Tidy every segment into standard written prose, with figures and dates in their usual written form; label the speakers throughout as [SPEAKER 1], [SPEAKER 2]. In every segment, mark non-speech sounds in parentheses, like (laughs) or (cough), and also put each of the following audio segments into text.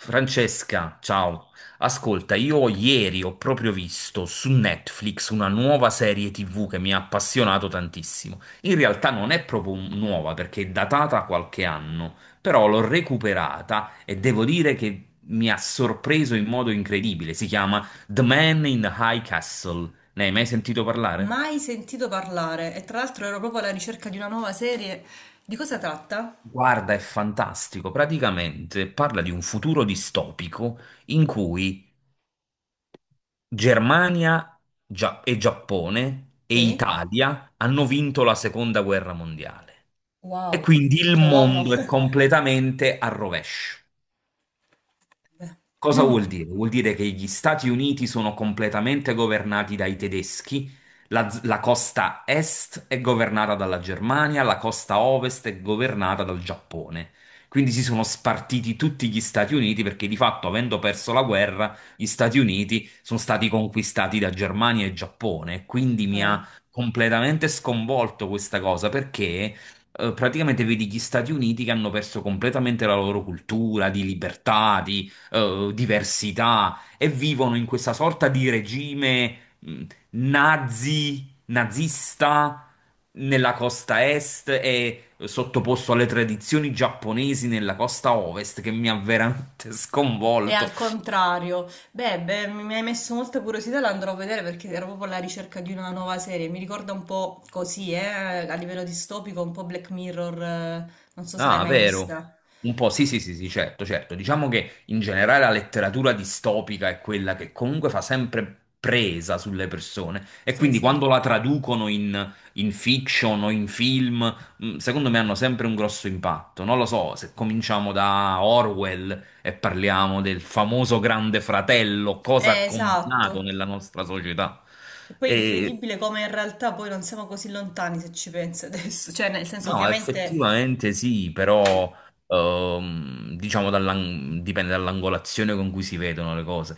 [SPEAKER 1] Francesca, ciao. Ascolta, io ieri ho proprio visto su Netflix una nuova serie TV che mi ha appassionato tantissimo. In realtà non è proprio nuova perché è datata qualche anno, però l'ho recuperata e devo dire che mi ha sorpreso in modo incredibile. Si chiama The Man in the High Castle. Ne hai mai sentito parlare?
[SPEAKER 2] Mai sentito parlare, e tra l'altro ero proprio alla ricerca di una nuova serie. Di cosa tratta?
[SPEAKER 1] Guarda, è fantastico. Praticamente parla di un futuro distopico in cui Germania e Giappone e
[SPEAKER 2] Sì.
[SPEAKER 1] Italia hanno vinto la seconda guerra mondiale. E
[SPEAKER 2] Wow.
[SPEAKER 1] quindi il
[SPEAKER 2] Cioè, wow no.
[SPEAKER 1] mondo è
[SPEAKER 2] (laughs)
[SPEAKER 1] completamente a rovescio. Cosa vuol dire? Vuol dire che gli Stati Uniti sono completamente governati dai tedeschi, la costa est è governata dalla Germania, la costa ovest è governata dal Giappone. Quindi si sono spartiti tutti gli Stati Uniti perché di fatto, avendo perso la guerra, gli Stati Uniti sono stati conquistati da Germania e Giappone. Quindi mi
[SPEAKER 2] Eh,
[SPEAKER 1] ha completamente sconvolto questa cosa perché praticamente vedi gli Stati Uniti che hanno perso completamente la loro cultura di libertà, di diversità e vivono in questa sorta di regime nazista nella costa est e sottoposto alle tradizioni giapponesi nella costa ovest che mi ha veramente (laughs)
[SPEAKER 2] è
[SPEAKER 1] sconvolto.
[SPEAKER 2] al contrario. Beh, beh, mi hai messo molta curiosità, la andrò a vedere perché ero proprio alla ricerca di una nuova serie. Mi ricorda un po' così, a livello distopico, un po' Black Mirror, non so se l'hai
[SPEAKER 1] Ah,
[SPEAKER 2] mai
[SPEAKER 1] vero.
[SPEAKER 2] vista.
[SPEAKER 1] Un po', sì, sì, sì, sì, certo, certo. Diciamo che in generale la letteratura distopica è quella che comunque fa sempre presa sulle persone e
[SPEAKER 2] Sì,
[SPEAKER 1] quindi
[SPEAKER 2] sì.
[SPEAKER 1] quando la traducono in fiction o in film, secondo me hanno sempre un grosso impatto. Non lo so, se cominciamo da Orwell e parliamo del famoso Grande Fratello, cosa ha
[SPEAKER 2] Esatto.
[SPEAKER 1] combinato nella nostra società.
[SPEAKER 2] E poi è
[SPEAKER 1] E
[SPEAKER 2] incredibile come in realtà poi non siamo così lontani se ci pensi adesso. Cioè, nel senso,
[SPEAKER 1] No,
[SPEAKER 2] ovviamente,
[SPEAKER 1] effettivamente sì, però diciamo dipende dall'angolazione con cui si vedono le cose.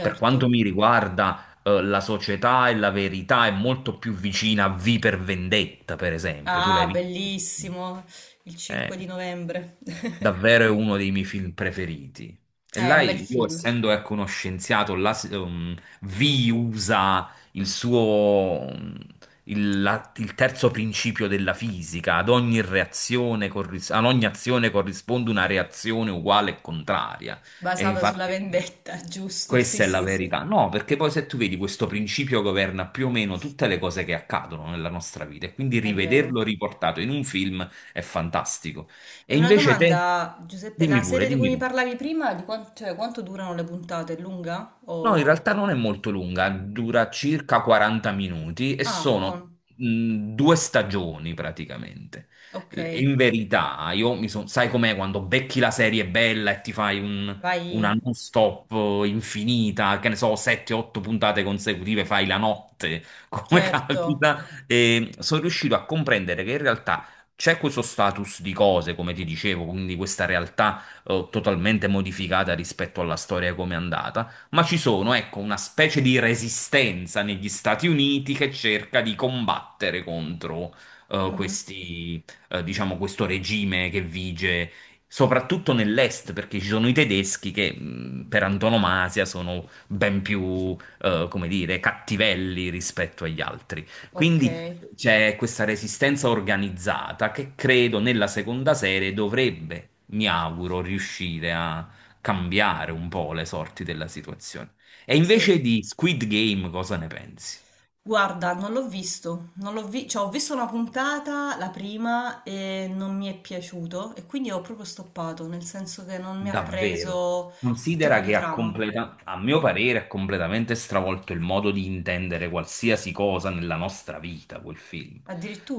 [SPEAKER 1] Per quanto mi riguarda, la società e la verità è molto più vicina a V per Vendetta, per esempio. Tu
[SPEAKER 2] Ah,
[SPEAKER 1] l'hai visto?
[SPEAKER 2] bellissimo, il 5
[SPEAKER 1] Eh
[SPEAKER 2] di novembre. (laughs)
[SPEAKER 1] Davvero è uno dei miei film preferiti. E
[SPEAKER 2] È
[SPEAKER 1] là
[SPEAKER 2] un bel
[SPEAKER 1] io,
[SPEAKER 2] film,
[SPEAKER 1] essendo ecco, uno scienziato, là, Vi usa il suo, il terzo principio della fisica. Ad ogni ad ogni azione corrisponde una reazione uguale e contraria. E
[SPEAKER 2] basato sulla
[SPEAKER 1] infatti
[SPEAKER 2] vendetta, (laughs) giusto?
[SPEAKER 1] questa
[SPEAKER 2] Sì,
[SPEAKER 1] è la
[SPEAKER 2] sì, sì,
[SPEAKER 1] verità. No, perché poi se tu vedi questo principio governa più o meno tutte le cose che accadono nella nostra vita e quindi
[SPEAKER 2] è
[SPEAKER 1] rivederlo
[SPEAKER 2] vero.
[SPEAKER 1] riportato in un film è fantastico.
[SPEAKER 2] E
[SPEAKER 1] E
[SPEAKER 2] una
[SPEAKER 1] invece te,
[SPEAKER 2] domanda, Giuseppe, la
[SPEAKER 1] dimmi pure,
[SPEAKER 2] serie di cui
[SPEAKER 1] dimmi
[SPEAKER 2] mi
[SPEAKER 1] tu.
[SPEAKER 2] parlavi prima, di cioè, quanto durano le puntate? È lunga?
[SPEAKER 1] No, in
[SPEAKER 2] O...
[SPEAKER 1] realtà non è molto lunga, dura circa 40 minuti e
[SPEAKER 2] Ah,
[SPEAKER 1] sono
[SPEAKER 2] buono,
[SPEAKER 1] due stagioni praticamente.
[SPEAKER 2] ok,
[SPEAKER 1] In verità, io sai com'è quando becchi la serie bella e ti fai
[SPEAKER 2] vai,
[SPEAKER 1] una non-stop infinita, che ne so, 7-8 puntate consecutive, fai la notte, (laughs) come
[SPEAKER 2] certo.
[SPEAKER 1] capita, e sono riuscito a comprendere che in realtà c'è questo status di cose, come ti dicevo, quindi questa realtà totalmente modificata rispetto alla storia come è andata ma ci sono, ecco, una specie di resistenza negli Stati Uniti che cerca di combattere contro eh,
[SPEAKER 2] Mhm.
[SPEAKER 1] questi, diciamo, questo regime che vige soprattutto nell'est, perché ci sono i tedeschi che per antonomasia sono ben più, come dire, cattivelli rispetto agli altri.
[SPEAKER 2] Ok,
[SPEAKER 1] Quindi c'è questa resistenza organizzata che credo nella seconda serie dovrebbe, mi auguro, riuscire a cambiare un po' le sorti della situazione. E
[SPEAKER 2] sì.
[SPEAKER 1] invece di Squid Game, cosa ne pensi?
[SPEAKER 2] Guarda, non l'ho visto, non l'ho vi- cioè, ho visto una puntata, la prima, e non mi è piaciuto e quindi ho proprio stoppato, nel senso che non mi ha
[SPEAKER 1] Davvero.
[SPEAKER 2] preso il tipo
[SPEAKER 1] Considera
[SPEAKER 2] di
[SPEAKER 1] che ha
[SPEAKER 2] trama.
[SPEAKER 1] a mio parere, ha completamente stravolto il modo di intendere qualsiasi cosa nella nostra vita, quel film.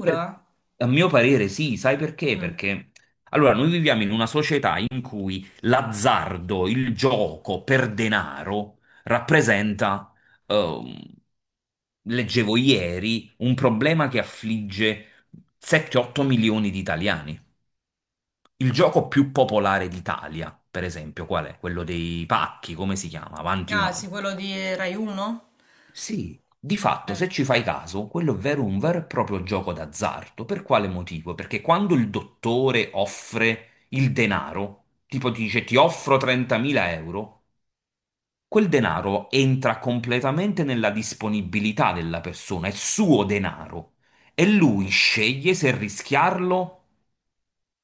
[SPEAKER 1] Per- A mio parere sì, sai perché?
[SPEAKER 2] Mm.
[SPEAKER 1] Perché allora noi viviamo in una società in cui l'azzardo, il gioco per denaro rappresenta, ehm, leggevo ieri, un problema che affligge 7-8 milioni di italiani. Il gioco più popolare d'Italia, per esempio, qual è? Quello dei pacchi, come si chiama? Avanti un
[SPEAKER 2] Ah, sì,
[SPEAKER 1] altro.
[SPEAKER 2] quello di Rai 1?
[SPEAKER 1] Sì, di fatto,
[SPEAKER 2] Eh.
[SPEAKER 1] se ci fai caso, quello è vero un vero e proprio gioco d'azzardo. Per quale motivo? Perché quando il dottore offre il denaro, tipo ti dice ti offro 30.000 euro, quel denaro entra completamente nella disponibilità della persona, è suo denaro e lui sceglie se rischiarlo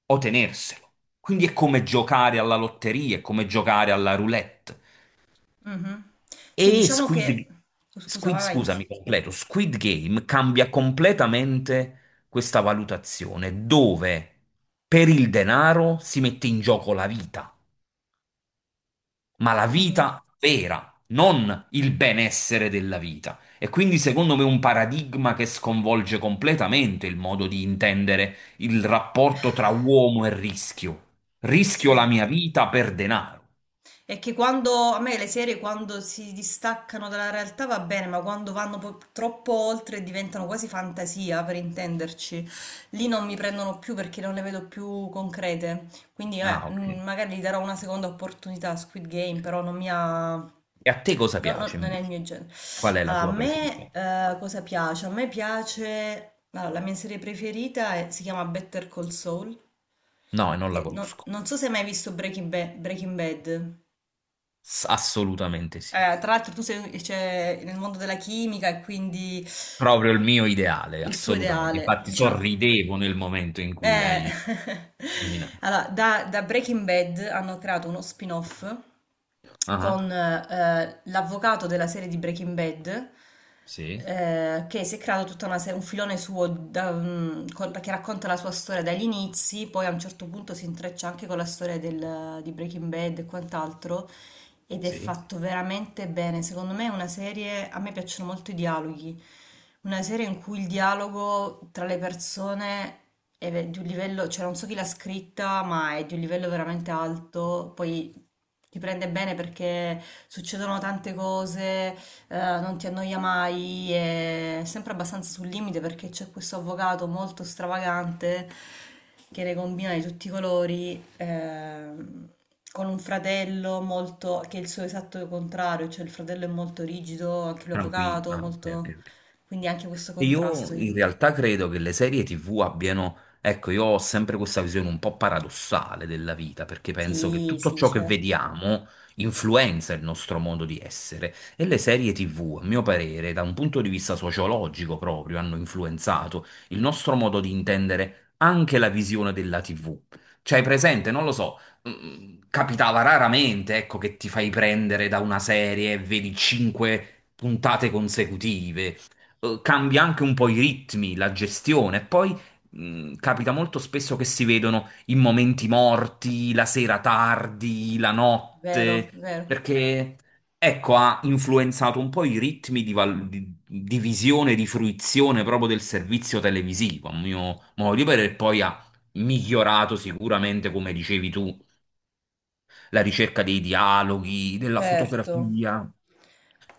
[SPEAKER 1] o tenerselo. Quindi è come giocare alla lotteria, è come giocare alla roulette.
[SPEAKER 2] Mhm. Sì,
[SPEAKER 1] E
[SPEAKER 2] diciamo
[SPEAKER 1] Squid,
[SPEAKER 2] che...
[SPEAKER 1] G-
[SPEAKER 2] Oh, scusa,
[SPEAKER 1] Squid,
[SPEAKER 2] vai, vai.
[SPEAKER 1] scusami, completo, Squid Game cambia completamente questa valutazione, dove per il denaro si mette in gioco la vita. Ma la
[SPEAKER 2] Mhm.
[SPEAKER 1] vita vera, non il benessere della vita. E quindi secondo me un paradigma che sconvolge completamente il modo di intendere il rapporto tra uomo e rischio.
[SPEAKER 2] Sì,
[SPEAKER 1] Rischio
[SPEAKER 2] sì.
[SPEAKER 1] la mia vita per denaro.
[SPEAKER 2] È che quando a me le serie, quando si distaccano dalla realtà va bene, ma quando vanno troppo oltre e diventano quasi fantasia, per intenderci, lì non mi prendono più perché non le vedo più concrete. Quindi
[SPEAKER 1] Ah, ok.
[SPEAKER 2] magari gli darò una seconda opportunità a Squid Game, però non mi ha...
[SPEAKER 1] E a te cosa
[SPEAKER 2] No, no,
[SPEAKER 1] piace
[SPEAKER 2] non è il
[SPEAKER 1] invece?
[SPEAKER 2] mio genere.
[SPEAKER 1] Qual è la
[SPEAKER 2] Allora,
[SPEAKER 1] tua
[SPEAKER 2] a
[SPEAKER 1] preferita?
[SPEAKER 2] me cosa piace? A me piace... Allora, la mia serie preferita è- si chiama Better Call Saul,
[SPEAKER 1] No, e non la
[SPEAKER 2] che
[SPEAKER 1] conosco.
[SPEAKER 2] non so se hai mai visto Breaking Bad.
[SPEAKER 1] Assolutamente sì.
[SPEAKER 2] Tra l'altro tu sei, cioè, nel mondo della chimica, e quindi
[SPEAKER 1] Proprio il mio ideale,
[SPEAKER 2] il tuo
[SPEAKER 1] assolutamente.
[SPEAKER 2] ideale,
[SPEAKER 1] Infatti
[SPEAKER 2] diciamo,
[SPEAKER 1] sorridevo nel momento in cui
[SPEAKER 2] eh,
[SPEAKER 1] l'hai
[SPEAKER 2] (laughs)
[SPEAKER 1] nominato.
[SPEAKER 2] allora, da Breaking Bad hanno creato uno spin-off con
[SPEAKER 1] Ah,
[SPEAKER 2] l'avvocato della serie di Breaking Bad,
[SPEAKER 1] sì,
[SPEAKER 2] che si è creato tutta una serie, un filone suo che racconta la sua storia dagli inizi, poi a un certo punto si intreccia anche con la storia di Breaking Bad e quant'altro, ed è
[SPEAKER 1] sì.
[SPEAKER 2] fatto veramente bene. Secondo me è una serie, a me piacciono molto i dialoghi. Una serie in cui il dialogo tra le persone è di un livello, cioè non so chi l'ha scritta, ma è di un livello veramente alto. Poi ti prende bene perché succedono tante cose, non ti annoia mai, è sempre abbastanza sul limite perché c'è questo avvocato molto stravagante che ne combina di tutti i colori, con un fratello molto, che è il suo esatto contrario, cioè il fratello è molto rigido, anche lui
[SPEAKER 1] Tranquillo.
[SPEAKER 2] avvocato,
[SPEAKER 1] Ah, ok, ok,
[SPEAKER 2] molto,
[SPEAKER 1] ok.
[SPEAKER 2] quindi anche questo contrasto
[SPEAKER 1] Io in
[SPEAKER 2] aiuta.
[SPEAKER 1] realtà credo che le serie TV abbiano, ecco, io ho sempre questa visione un po' paradossale della vita, perché penso che
[SPEAKER 2] Sì,
[SPEAKER 1] tutto
[SPEAKER 2] sì,
[SPEAKER 1] ciò che
[SPEAKER 2] certo.
[SPEAKER 1] vediamo influenza il nostro modo di essere e le serie TV, a mio parere, da un punto di vista sociologico proprio, hanno influenzato il nostro modo di intendere anche la visione della TV. Cioè, presente, non lo so, capitava raramente, ecco, che ti fai prendere da una serie e vedi cinque puntate consecutive cambia anche un po' i ritmi, la gestione. Poi capita molto spesso che si vedono in momenti morti, la sera tardi, la
[SPEAKER 2] Vero,
[SPEAKER 1] notte,
[SPEAKER 2] vero.
[SPEAKER 1] perché ecco, ha influenzato un po' i ritmi di visione, di fruizione proprio del servizio televisivo, a mio modo di vedere, e poi ha migliorato sicuramente, come dicevi tu, la ricerca dei dialoghi, della
[SPEAKER 2] Certo.
[SPEAKER 1] fotografia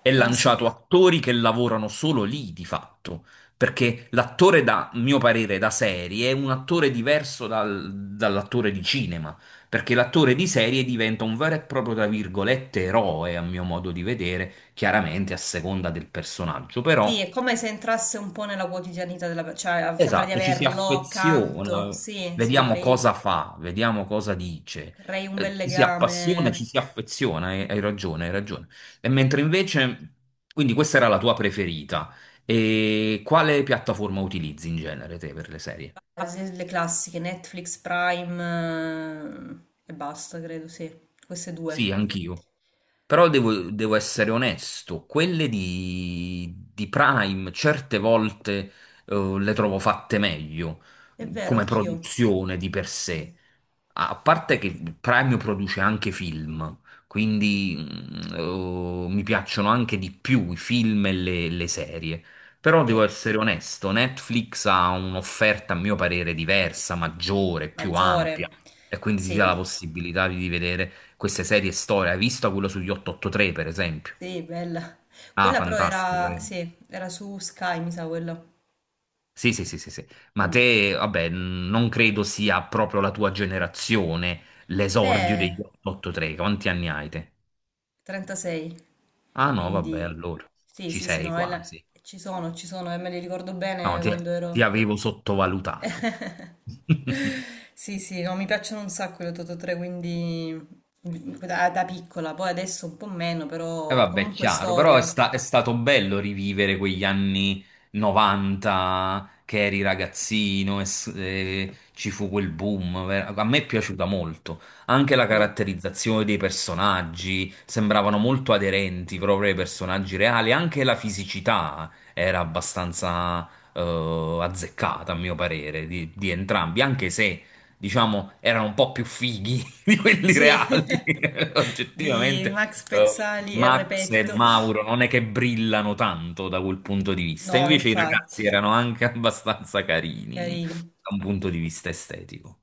[SPEAKER 1] è lanciato
[SPEAKER 2] Consi-
[SPEAKER 1] attori che lavorano solo lì di fatto, perché l'attore da, mio parere, da serie è un attore diverso dall'attore di cinema, perché l'attore di serie diventa un vero e proprio, tra virgolette, eroe, a mio modo di vedere, chiaramente a seconda del personaggio,
[SPEAKER 2] sì,
[SPEAKER 1] però
[SPEAKER 2] è come se entrasse un po' nella quotidianità della persona, cioè ah, sembra di
[SPEAKER 1] Esatto, ci si
[SPEAKER 2] averlo accanto.
[SPEAKER 1] affeziona,
[SPEAKER 2] Sì, sì,
[SPEAKER 1] vediamo
[SPEAKER 2] crei,
[SPEAKER 1] cosa fa, vediamo cosa dice,
[SPEAKER 2] crei un bel
[SPEAKER 1] ci si
[SPEAKER 2] legame.
[SPEAKER 1] appassiona, ci si affeziona, hai ragione, hai ragione. E mentre invece, quindi questa era la tua preferita, e quale piattaforma utilizzi in genere te per le serie?
[SPEAKER 2] Ah, sì, le classiche, Netflix, Prime, e basta, credo, sì. Queste
[SPEAKER 1] Sì,
[SPEAKER 2] due.
[SPEAKER 1] anch'io. Però devo essere onesto, quelle di Prime certe volte le trovo fatte meglio
[SPEAKER 2] È vero,
[SPEAKER 1] come
[SPEAKER 2] anch'io.
[SPEAKER 1] produzione di per sé.
[SPEAKER 2] Sì,
[SPEAKER 1] A parte che Prime produce anche film, quindi mi piacciono anche di più i film e le serie. Però devo
[SPEAKER 2] sì,
[SPEAKER 1] essere onesto, Netflix ha un'offerta a mio parere diversa, maggiore, più ampia,
[SPEAKER 2] maggiore.
[SPEAKER 1] e quindi ti
[SPEAKER 2] Sì,
[SPEAKER 1] dà la possibilità di vedere queste serie storia. Hai visto quello sugli 883, per esempio?
[SPEAKER 2] sì, bella.
[SPEAKER 1] Ah,
[SPEAKER 2] Quella però
[SPEAKER 1] fantastico.
[SPEAKER 2] era, sì, era su Sky, mi sa quello.
[SPEAKER 1] Sì, sì, sì, sì, sì. Ma
[SPEAKER 2] Mm.
[SPEAKER 1] te, vabbè, non credo sia proprio la tua generazione l'esordio degli
[SPEAKER 2] Beh,
[SPEAKER 1] 883. Quanti anni hai te?
[SPEAKER 2] 36.
[SPEAKER 1] Ah no, vabbè,
[SPEAKER 2] Quindi,
[SPEAKER 1] allora
[SPEAKER 2] sì,
[SPEAKER 1] ci
[SPEAKER 2] sì, sì,
[SPEAKER 1] sei
[SPEAKER 2] no,
[SPEAKER 1] quasi.
[SPEAKER 2] ci sono, e me li ricordo
[SPEAKER 1] No,
[SPEAKER 2] bene
[SPEAKER 1] ti,
[SPEAKER 2] quando
[SPEAKER 1] ti
[SPEAKER 2] ero...
[SPEAKER 1] avevo sottovalutato.
[SPEAKER 2] (laughs)
[SPEAKER 1] (laughs)
[SPEAKER 2] Sì, sì, no, mi piacciono un sacco le Totò 3, quindi da piccola, poi adesso un po' meno,
[SPEAKER 1] E
[SPEAKER 2] però
[SPEAKER 1] vabbè,
[SPEAKER 2] comunque
[SPEAKER 1] chiaro, però è,
[SPEAKER 2] storia.
[SPEAKER 1] è stato bello rivivere quegli anni 90 che eri ragazzino e ci fu quel boom. A me è piaciuta molto. Anche la
[SPEAKER 2] Sì,
[SPEAKER 1] caratterizzazione dei personaggi sembravano molto aderenti proprio ai personaggi reali. Anche la fisicità era abbastanza azzeccata, a mio parere, di entrambi, anche se. Diciamo, erano un po' più fighi (laughs) di quelli
[SPEAKER 2] sì,
[SPEAKER 1] reali,
[SPEAKER 2] (laughs)
[SPEAKER 1] (laughs)
[SPEAKER 2] di
[SPEAKER 1] oggettivamente
[SPEAKER 2] Max
[SPEAKER 1] eh,
[SPEAKER 2] Pezzali e
[SPEAKER 1] Max e
[SPEAKER 2] Repetto.
[SPEAKER 1] Mauro non è che brillano tanto da quel punto di vista,
[SPEAKER 2] No,
[SPEAKER 1] invece i
[SPEAKER 2] infatti.
[SPEAKER 1] ragazzi erano anche (laughs) abbastanza carini
[SPEAKER 2] Carini.
[SPEAKER 1] da un punto di vista estetico.